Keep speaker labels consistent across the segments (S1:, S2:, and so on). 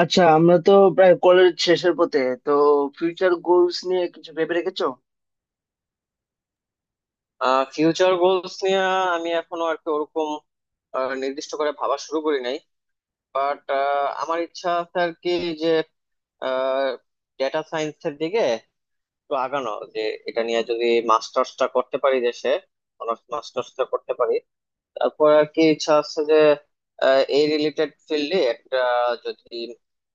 S1: আচ্ছা, আমরা তো প্রায় কলেজ শেষের পথে, তো ফিউচার গোলস নিয়ে কিছু ভেবে রেখেছো?
S2: ফিউচার গোলস নিয়ে আমি এখনো আর কি ওরকম নির্দিষ্ট করে ভাবা শুরু করি নাই। বাট আমার ইচ্ছা আছে আর কি যে ডেটা সায়েন্সের দিকে একটু আগানো, যে এটা নিয়ে যদি মাস্টার্সটা করতে পারি দেশে, অনার্স মাস্টার্সটা করতে পারি। তারপর আর কি ইচ্ছা আছে যে এই রিলেটেড ফিল্ডে একটা, যদি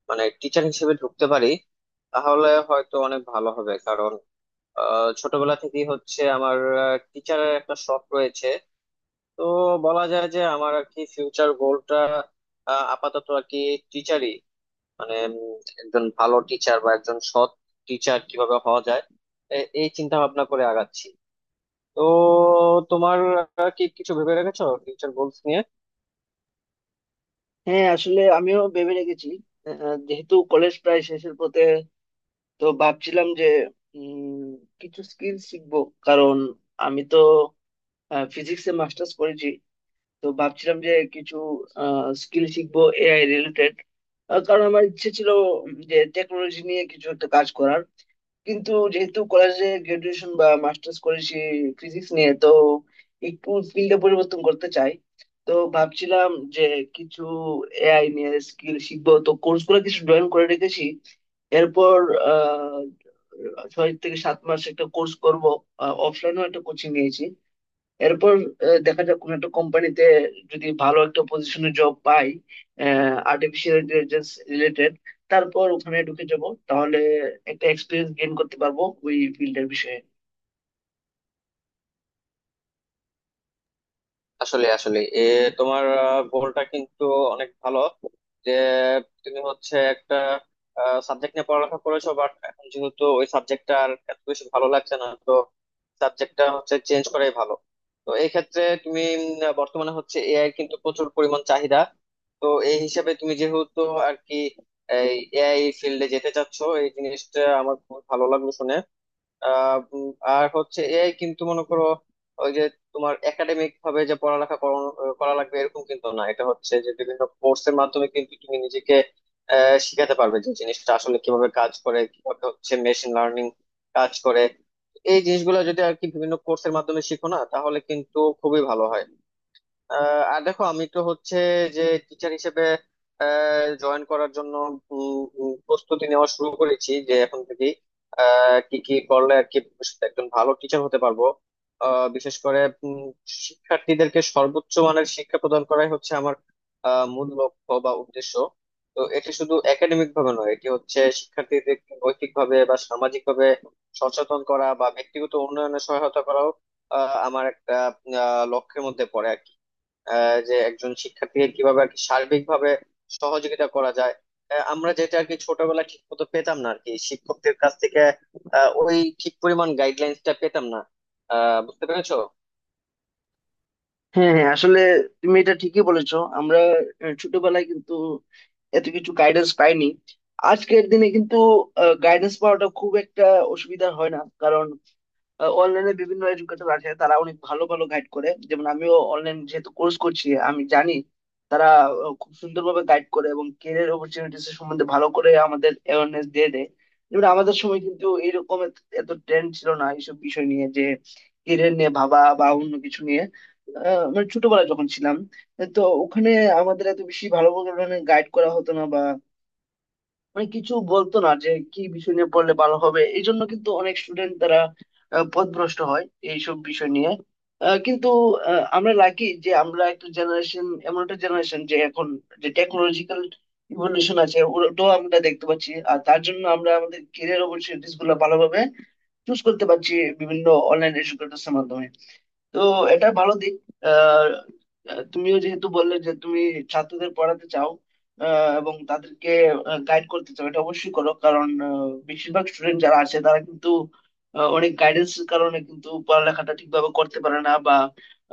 S2: মানে টিচার হিসেবে ঢুকতে পারি তাহলে হয়তো অনেক ভালো হবে, কারণ ছোটবেলা থেকেই হচ্ছে আমার টিচারের একটা শখ রয়েছে। তো বলা যায় যে আমার আর কি ফিউচার গোলটা আপাতত আর কি টিচারই, মানে একজন ভালো টিচার বা একজন সৎ টিচার কিভাবে হওয়া যায় এই চিন্তা ভাবনা করে আগাচ্ছি। তো তোমার কি কিছু ভেবে রেখেছো ফিউচার গোলস নিয়ে?
S1: হ্যাঁ, আসলে আমিও ভেবে রেখেছি। যেহেতু কলেজ প্রায় শেষের পথে, তো ভাবছিলাম যে উম, কিছু স্কিল শিখবো, কারণ আমি তো ফিজিক্সে মাস্টার্স করেছি। তো ভাবছিলাম যে কিছু স্কিল শিখবো এআই রিলেটেড, কারণ আমার ইচ্ছে ছিল যে টেকনোলজি নিয়ে কিছু একটা কাজ করার। কিন্তু যেহেতু কলেজে গ্রাজুয়েশন বা মাস্টার্স করেছি ফিজিক্স নিয়ে, তো একটু ফিল্ডে পরিবর্তন করতে চাই। তো ভাবছিলাম যে কিছু এআই নিয়ে স্কিল শিখবো, তো কোর্স গুলো কিছু জয়েন করে রেখেছি। এরপর আহ 6 থেকে 7 মাস একটা কোর্স করব, অফলাইনেও একটা কোচিং নিয়েছি। এরপর দেখা যাক কোন একটা কোম্পানিতে যদি ভালো একটা পজিশনে জব পাই আর্টিফিশিয়াল ইন্টেলিজেন্স রিলেটেড, তারপর ওখানে ঢুকে যাব। তাহলে একটা এক্সপিরিয়েন্স গেইন করতে পারবো ওই ফিল্ডের বিষয়ে।
S2: আসলে আসলে এ তোমার গোলটা কিন্তু অনেক ভালো, যে তুমি হচ্ছে একটা সাবজেক্ট নিয়ে পড়ালেখা করেছো, বাট এখন যেহেতু ওই সাবজেক্টটা আর এত বেশি ভালো লাগছে না, তো সাবজেক্টটা হচ্ছে চেঞ্জ করাই ভালো। তো এই ক্ষেত্রে তুমি বর্তমানে হচ্ছে এআই কিন্তু প্রচুর পরিমাণ চাহিদা। তো এই হিসাবে তুমি যেহেতু আর কি এই এআই ফিল্ডে যেতে চাচ্ছো, এই জিনিসটা আমার খুব ভালো লাগলো শুনে। আহ উম, আর হচ্ছে এআই কিন্তু মনে করো ওই যে তোমার একাডেমিক ভাবে যে করা লাগবে এরকম কিন্তু না। এটা হচ্ছে যে বিভিন্ন কোর্সের মাধ্যমে কিন্তু তুমি নিজেকে শিখাতে পারবে যে জিনিসটা আসলে কিভাবে কাজ করে, কিভাবে হচ্ছে মেশিন লার্নিং কাজ করে। এই জিনিসগুলো যদি আর কি বিভিন্ন কোর্সের মাধ্যমে শিখো না, তাহলে কিন্তু খুবই ভালো হয়। আর দেখো আমি তো হচ্ছে, যে টিচার হিসেবে জয়েন করার জন্য উম, উম, প্রস্তুতি নেওয়া শুরু করেছি, যে এখন থেকে কি কি করলে আর কি ভবিষ্যতে একজন ভালো টিচার হতে পারবো। বিশেষ করে শিক্ষার্থীদেরকে সর্বোচ্চ মানের শিক্ষা প্রদান করাই হচ্ছে আমার মূল লক্ষ্য বা উদ্দেশ্য। তো এটি শুধু একাডেমিক ভাবে নয়, এটি হচ্ছে শিক্ষার্থীদের নৈতিক ভাবে বা সামাজিক ভাবে সচেতন করা বা ব্যক্তিগত উন্নয়নে সহায়তা করাও আমার একটা লক্ষ্যের মধ্যে পড়ে আর কি। যে একজন শিক্ষার্থীকে কিভাবে আর কি সার্বিকভাবে সহযোগিতা করা যায়। আমরা যেটা আর কি ছোটবেলায় ঠিক মতো পেতাম না আর কি শিক্ষকদের কাছ থেকে, ওই ঠিক পরিমাণ গাইডলাইন্সটা পেতাম না। বুঝতে পেরেছো?
S1: হ্যাঁ, হ্যাঁ, আসলে তুমি এটা ঠিকই বলেছো, আমরা ছোটবেলায় কিন্তু এত কিছু গাইডেন্স পাইনি। আজকের দিনে কিন্তু গাইডেন্স পাওয়াটা খুব একটা অসুবিধা হয় না। অনলাইনে বিভিন্ন এডুকেটর আছে, তারা অনেক ভালো ভালো গাইড করে, যেমন আমিও অনলাইন যেহেতু কোর্স করছি আমি জানি, তারা খুব সুন্দরভাবে গাইড করে এবং ক্যারিয়ার অপরচুনিটিস সম্বন্ধে ভালো করে আমাদের অ্যাওয়ারনেস দিয়ে দেয়। যেমন আমাদের সময় কিন্তু এইরকম এত এত ট্রেন্ড ছিল না এইসব বিষয় নিয়ে, যে ক্যারিয়ার নিয়ে ভাবা বা অন্য কিছু নিয়ে। মানে ছোটবেলায় যখন ছিলাম, তো ওখানে আমাদের এত বেশি ভালো করে গাইড করা হতো না। মানে কিছু বলতো না যে কি বিষয় নিয়ে পড়লে ভালো হবে, এই জন্য কিন্তু অনেক স্টুডেন্ট তারা পথভ্রষ্ট হয় এইসব বিষয় নিয়ে। আহ, কিন্তু আমরা লাকি যে আমরা একটা জেনারেশন, এমন একটা জেনারেশন যে এখন যে টেকনোলজিক্যাল ইভলিউশন আছে ওটাও আমরা দেখতে পাচ্ছি, আর তার জন্য আমরা আমাদের কেরিয়ার অপরচুনিটিস গুলো ভালোভাবে চুজ করতে পারছি বিভিন্ন অনলাইন এডুকেটরস এর মাধ্যমে। তো এটা ভালো দিক। আহ, তুমিও যেহেতু বললে যে তুমি ছাত্রদের পড়াতে চাও, এবং তাদেরকে গাইড করতে চাও, এটা অবশ্যই করো, কারণ বেশিরভাগ স্টুডেন্ট যারা আছে তারা কিন্তু অনেক গাইডেন্সের কারণে কিন্তু পড়ালেখাটা ঠিকভাবে করতে পারে না, বা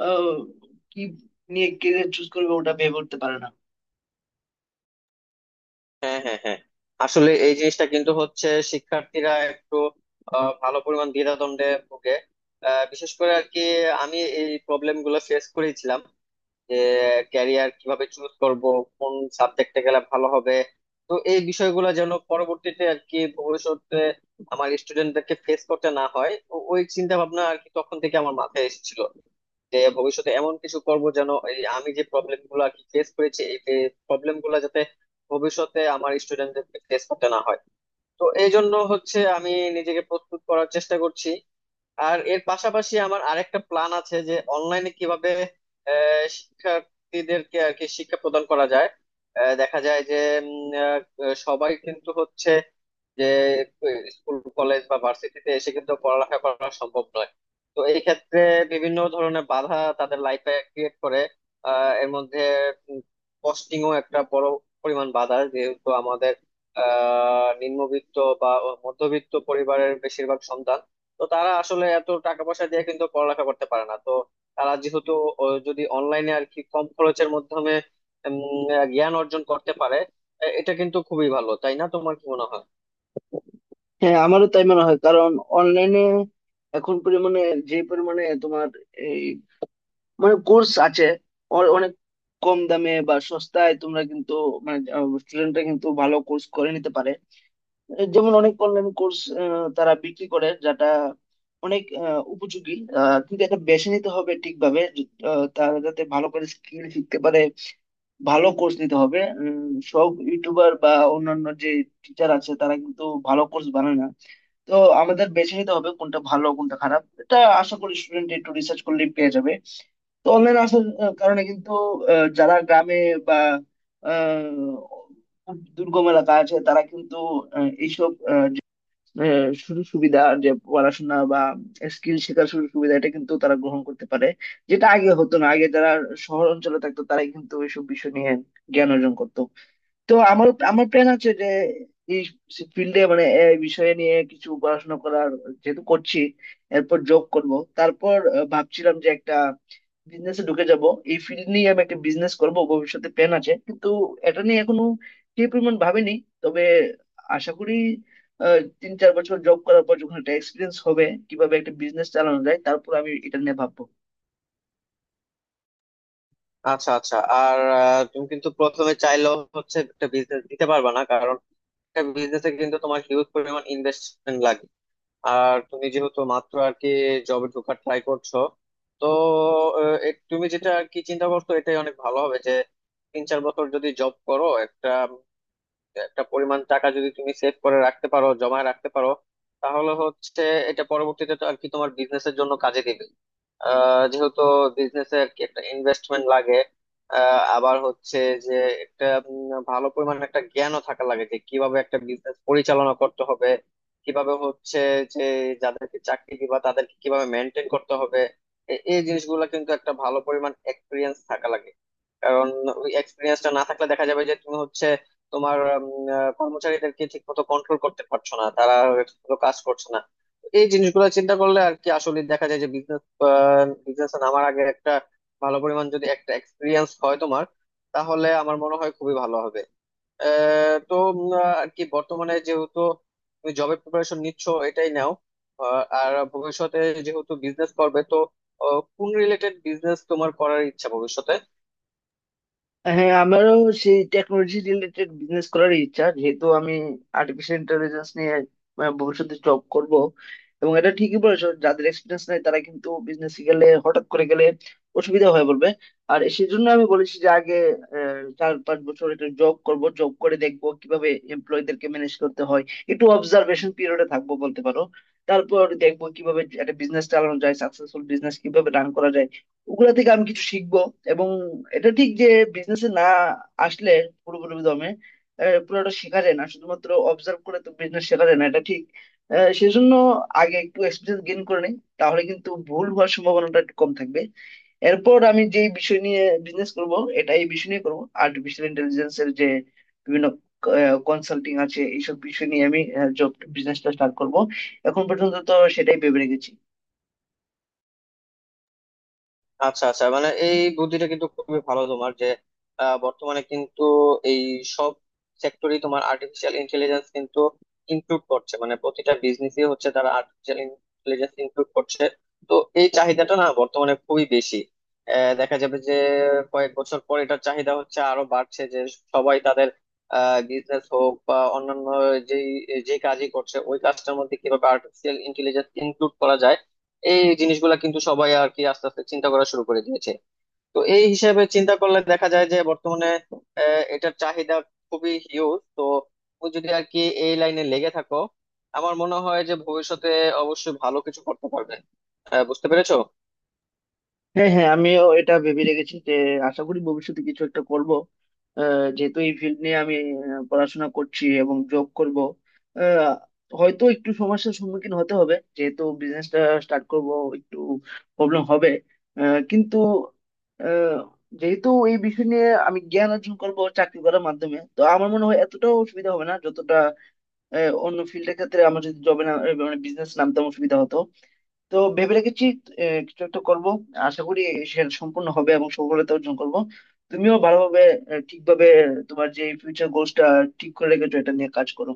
S1: আহ, কি নিয়ে কেরিয়ার চুজ করবে ওটা ভেবে উঠতে পারে না।
S2: হ্যাঁ, হ্যাঁ, হ্যাঁ। আসলে এই জিনিসটা কিন্তু হচ্ছে শিক্ষার্থীরা একটু ভালো পরিমাণ দ্বিধাদ্বন্দ্বে ভোগে। বিশেষ করে আর কি আমি এই প্রবলেম গুলো ফেস করেছিলাম, যে ক্যারিয়ার কিভাবে চুজ করব, কোন সাবজেক্টে গেলে ভালো হবে। তো এই বিষয়গুলো যেন পরবর্তীতে আর কি ভবিষ্যতে আমার স্টুডেন্টদেরকে ফেস করতে না হয় ওই চিন্তা ভাবনা আর কি তখন থেকে আমার মাথায় এসেছিল। যে ভবিষ্যতে এমন কিছু করব যেন এই আমি যে প্রবলেম গুলো আর কি ফেস করেছি, এই প্রবলেম গুলো যাতে ভবিষ্যতে আমার স্টুডেন্টদেরকে ফেস করতে না হয়। তো এই জন্য হচ্ছে আমি নিজেকে প্রস্তুত করার চেষ্টা করছি। আর এর পাশাপাশি আমার আরেকটা প্ল্যান আছে যে অনলাইনে কিভাবে শিক্ষার্থীদেরকে আর কি শিক্ষা প্রদান করা যায়। দেখা যায় যে উম, আহ, সবাই কিন্তু হচ্ছে যে স্কুল কলেজ বা ভার্সিটিতে এসে কিন্তু পড়ালেখা করা সম্ভব নয়। তো এই ক্ষেত্রে বিভিন্ন ধরনের বাধা তাদের লাইফে ক্রিয়েট করে। এর মধ্যে কস্টিংও একটা বড় পরিমাণ বাধা, যেহেতু আমাদের নিম্নবিত্ত বা মধ্যবিত্ত পরিবারের বেশিরভাগ সন্তান। তো তারা আসলে এত টাকা পয়সা দিয়ে কিন্তু পড়ালেখা করতে পারে না। তো তারা যেহেতু যদি অনলাইনে আর কি কম খরচের মাধ্যমে উম, জ্ঞান অর্জন করতে পারে, এটা কিন্তু খুবই ভালো, তাই না? তোমার কি মনে হয়?
S1: হ্যাঁ, আমারও তাই মনে হয়, কারণ অনলাইনে এখন পরিমাণে, যে পরিমাণে তোমার মানে কোর্স আছে, অনেক কম দামে বা সস্তায় তোমরা কিন্তু, মানে স্টুডেন্টরা কিন্তু ভালো কোর্স করে নিতে পারে। এ যেমন অনেক অনলাইন কোর্স তারা বিক্রি করে, যেটা অনেক উপযোগী। কিন্তু এটা বেছে নিতে হবে ঠিকভাবে, তারা যাতে ভালো করে স্কিল শিখতে পারে, ভালো কোর্স নিতে হবে। সব ইউটিউবার বা অন্যান্য যে টিচার আছে তারা কিন্তু ভালো কোর্স বানায় না। তো আমাদের বেছে নিতে হবে কোনটা ভালো কোনটা খারাপ, এটা আশা করি স্টুডেন্ট একটু রিসার্চ করলেই পেয়ে যাবে। তো অনলাইন আসার কারণে কিন্তু যারা গ্রামে বা দুর্গম এলাকা আছে, তারা কিন্তু এইসব সুযোগ সুবিধা, যে পড়াশোনা বা স্কিল শেখার সুযোগ সুবিধা, এটা কিন্তু তারা গ্রহণ করতে পারে। যেটা আগে হতো না, আগে যারা শহর অঞ্চলে থাকতো তারাই কিন্তু এইসব বিষয় নিয়ে জ্ঞান অর্জন করতো। তো আমার আমার প্ল্যান আছে যে এই ফিল্ডে, মানে এই বিষয়ে নিয়ে কিছু পড়াশোনা করার, যেহেতু করছি, এরপর জব করব। তারপর ভাবছিলাম যে একটা বিজনেসে ঢুকে যাব। এই ফিল্ড নিয়ে আমি একটা বিজনেস করব ভবিষ্যতে, প্ল্যান আছে, কিন্তু এটা নিয়ে এখনো কি পরিমাণ ভাবিনি। তবে আশা করি 3-4 বছর জব করার পর যখন একটা এক্সপিরিয়েন্স হবে কিভাবে একটা বিজনেস চালানো যায়, তারপর আমি এটা নিয়ে ভাববো।
S2: আচ্ছা, আচ্ছা। আর তুমি কিন্তু প্রথমে চাইলেও হচ্ছে একটা বিজনেস দিতে পারবে না, কারণ একটা বিজনেসে কিন্তু তোমার হিউজ পরিমাণ ইনভেস্টমেন্ট লাগে। আর তুমি যেহেতু মাত্র আর কি জবে ঢোকার ট্রাই করছো, তো তুমি যেটা আর কি চিন্তা করছো এটাই অনেক ভালো হবে, যে 3-4 বছর যদি জব করো, একটা একটা পরিমাণ টাকা যদি তুমি সেভ করে রাখতে পারো, জমায় রাখতে পারো, তাহলে হচ্ছে এটা পরবর্তীতে তো আর কি তোমার বিজনেসের জন্য কাজে দিবে। যেহেতু বিজনেসে আর কি একটা ইনভেস্টমেন্ট লাগে। আবার হচ্ছে যে একটা ভালো পরিমাণ একটা জ্ঞানও থাকা লাগে, যে কিভাবে একটা বিজনেস পরিচালনা করতে হবে, কিভাবে হচ্ছে যে যাদেরকে চাকরি দিবা তাদেরকে কিভাবে মেনটেন করতে হবে। এই জিনিসগুলো কিন্তু একটা ভালো পরিমাণ এক্সপিরিয়েন্স থাকা লাগে, কারণ ওই এক্সপিরিয়েন্সটা না থাকলে দেখা যাবে যে তুমি হচ্ছে তোমার উম, কর্মচারীদেরকে ঠিক মতো কন্ট্রোল করতে পারছো না, তারা ঠিক মতো কাজ করছে না। এই জিনিসগুলো চিন্তা করলে আর কি আসলে দেখা যায় যে বিজনেসে নামার আগে একটা ভালো পরিমাণ যদি একটা এক্সপিরিয়েন্স হয় তোমার, তাহলে আমার মনে হয় খুবই ভালো হবে। আহ, তো উম, আহ, আর কি বর্তমানে যেহেতু তুমি জবের প্রিপারেশন নিচ্ছ, এটাই নাও। আর ভবিষ্যতে যেহেতু বিজনেস করবে, তো কোন রিলেটেড বিজনেস তোমার করার ইচ্ছা ভবিষ্যতে?
S1: হ্যাঁ, আমারও সেই টেকনোলজি রিলেটেড বিজনেস করার ইচ্ছা, যেহেতু আমি আর্টিফিশিয়াল ইন্টেলিজেন্স নিয়ে ভবিষ্যতে জব করব। এবং এটা ঠিকই বলেছো, যাদের এক্সপিরিয়েন্স নাই তারা কিন্তু বিজনেস গেলে, হঠাৎ করে গেলে অসুবিধা হয়ে পড়বে। আর সেই জন্য আমি বলেছি যে আগে 4-5 বছর একটা জব করব, জব করে দেখবো কিভাবে এমপ্লয়ীদেরকে ম্যানেজ করতে হয়, একটু অবজারভেশন পিরিয়ডে থাকবো বলতে পারো। তারপর দেখবো কিভাবে একটা বিজনেস চালানো যায়, সাকসেসফুল বিজনেস কিভাবে রান করা যায়, ওগুলা থেকে আমি কিছু শিখবো। এবং এটা ঠিক যে বিজনেসে, না, আসলে পুরোপুরি দমে পুরোটা শেখা যায় না, শুধুমাত্র অবজার্ভ করে তো বিজনেস শেখা যায় না, এটা ঠিক। সেজন্য আগে একটু এক্সপিরিয়েন্স গেইন করে নেই, তাহলে কিন্তু ভুল হওয়ার সম্ভাবনাটা একটু কম থাকবে। এরপর আমি যে বিষয় নিয়ে বিজনেস করব, এটা এই বিষয় নিয়ে করবো, আর্টিফিশিয়াল ইন্টেলিজেন্স এর যে বিভিন্ন কনসাল্টিং আছে এইসব বিষয় নিয়ে আমি জব বিজনেসটা স্টার্ট করব। এখন পর্যন্ত তো সেটাই ভেবে রেখেছি।
S2: আচ্ছা, আচ্ছা। মানে এই বুদ্ধিটা কিন্তু খুবই ভালো তোমার, যে বর্তমানে কিন্তু এই সব সেক্টরি তোমার আর্টিফিশিয়াল ইন্টেলিজেন্স কিন্তু ইনক্লুড করছে, মানে প্রতিটা বিজনেসই হচ্ছে তারা আর্টিফিশিয়াল ইন্টেলিজেন্স ইনক্লুড করছে। তো এই চাহিদাটা না বর্তমানে খুবই বেশি। দেখা যাবে যে কয়েক বছর পর এটার চাহিদা হচ্ছে আরো বাড়ছে, যে সবাই তাদের বিজনেস হোক বা অন্যান্য, যেই যে কাজই করছে ওই কাজটার মধ্যে কিভাবে আর্টিফিশিয়াল ইন্টেলিজেন্স ইনক্লুড করা যায়, এই জিনিসগুলা কিন্তু সবাই আর কি আস্তে আস্তে চিন্তা করা শুরু করে দিয়েছে। তো এই হিসাবে চিন্তা করলে দেখা যায় যে বর্তমানে এটার চাহিদা খুবই হিউজ। তো তুমি যদি আর কি এই লাইনে লেগে থাকো আমার মনে হয় যে ভবিষ্যতে অবশ্যই ভালো কিছু করতে পারবে। বুঝতে পেরেছো?
S1: হ্যাঁ, হ্যাঁ, আমিও এটা ভেবে রেখেছি যে আশা করি ভবিষ্যতে কিছু একটা করব। যেহেতু এই ফিল্ড নিয়ে আমি পড়াশোনা করছি এবং জব করব, আহ, হয়তো একটু সমস্যার সম্মুখীন হতে হবে, যেহেতু বিজনেসটা স্টার্ট করব, একটু প্রবলেম হবে। কিন্তু আহ, যেহেতু এই বিষয় নিয়ে আমি জ্ঞান অর্জন করব চাকরি করার মাধ্যমে, তো আমার মনে হয় এতটাও অসুবিধা হবে না, যতটা অন্য ফিল্ডের ক্ষেত্রে আমার যদি জবে না, মানে বিজনেস নামতে অসুবিধা হতো। তো ভেবে রেখেছি কিছু একটা করব, আশা করি সেটা সম্পূর্ণ হবে এবং সফলতা অর্জন করব। তুমিও ভালোভাবে, ঠিকভাবে তোমার যে ফিউচার গোলসটা ঠিক করে রেখেছো এটা নিয়ে কাজ করো।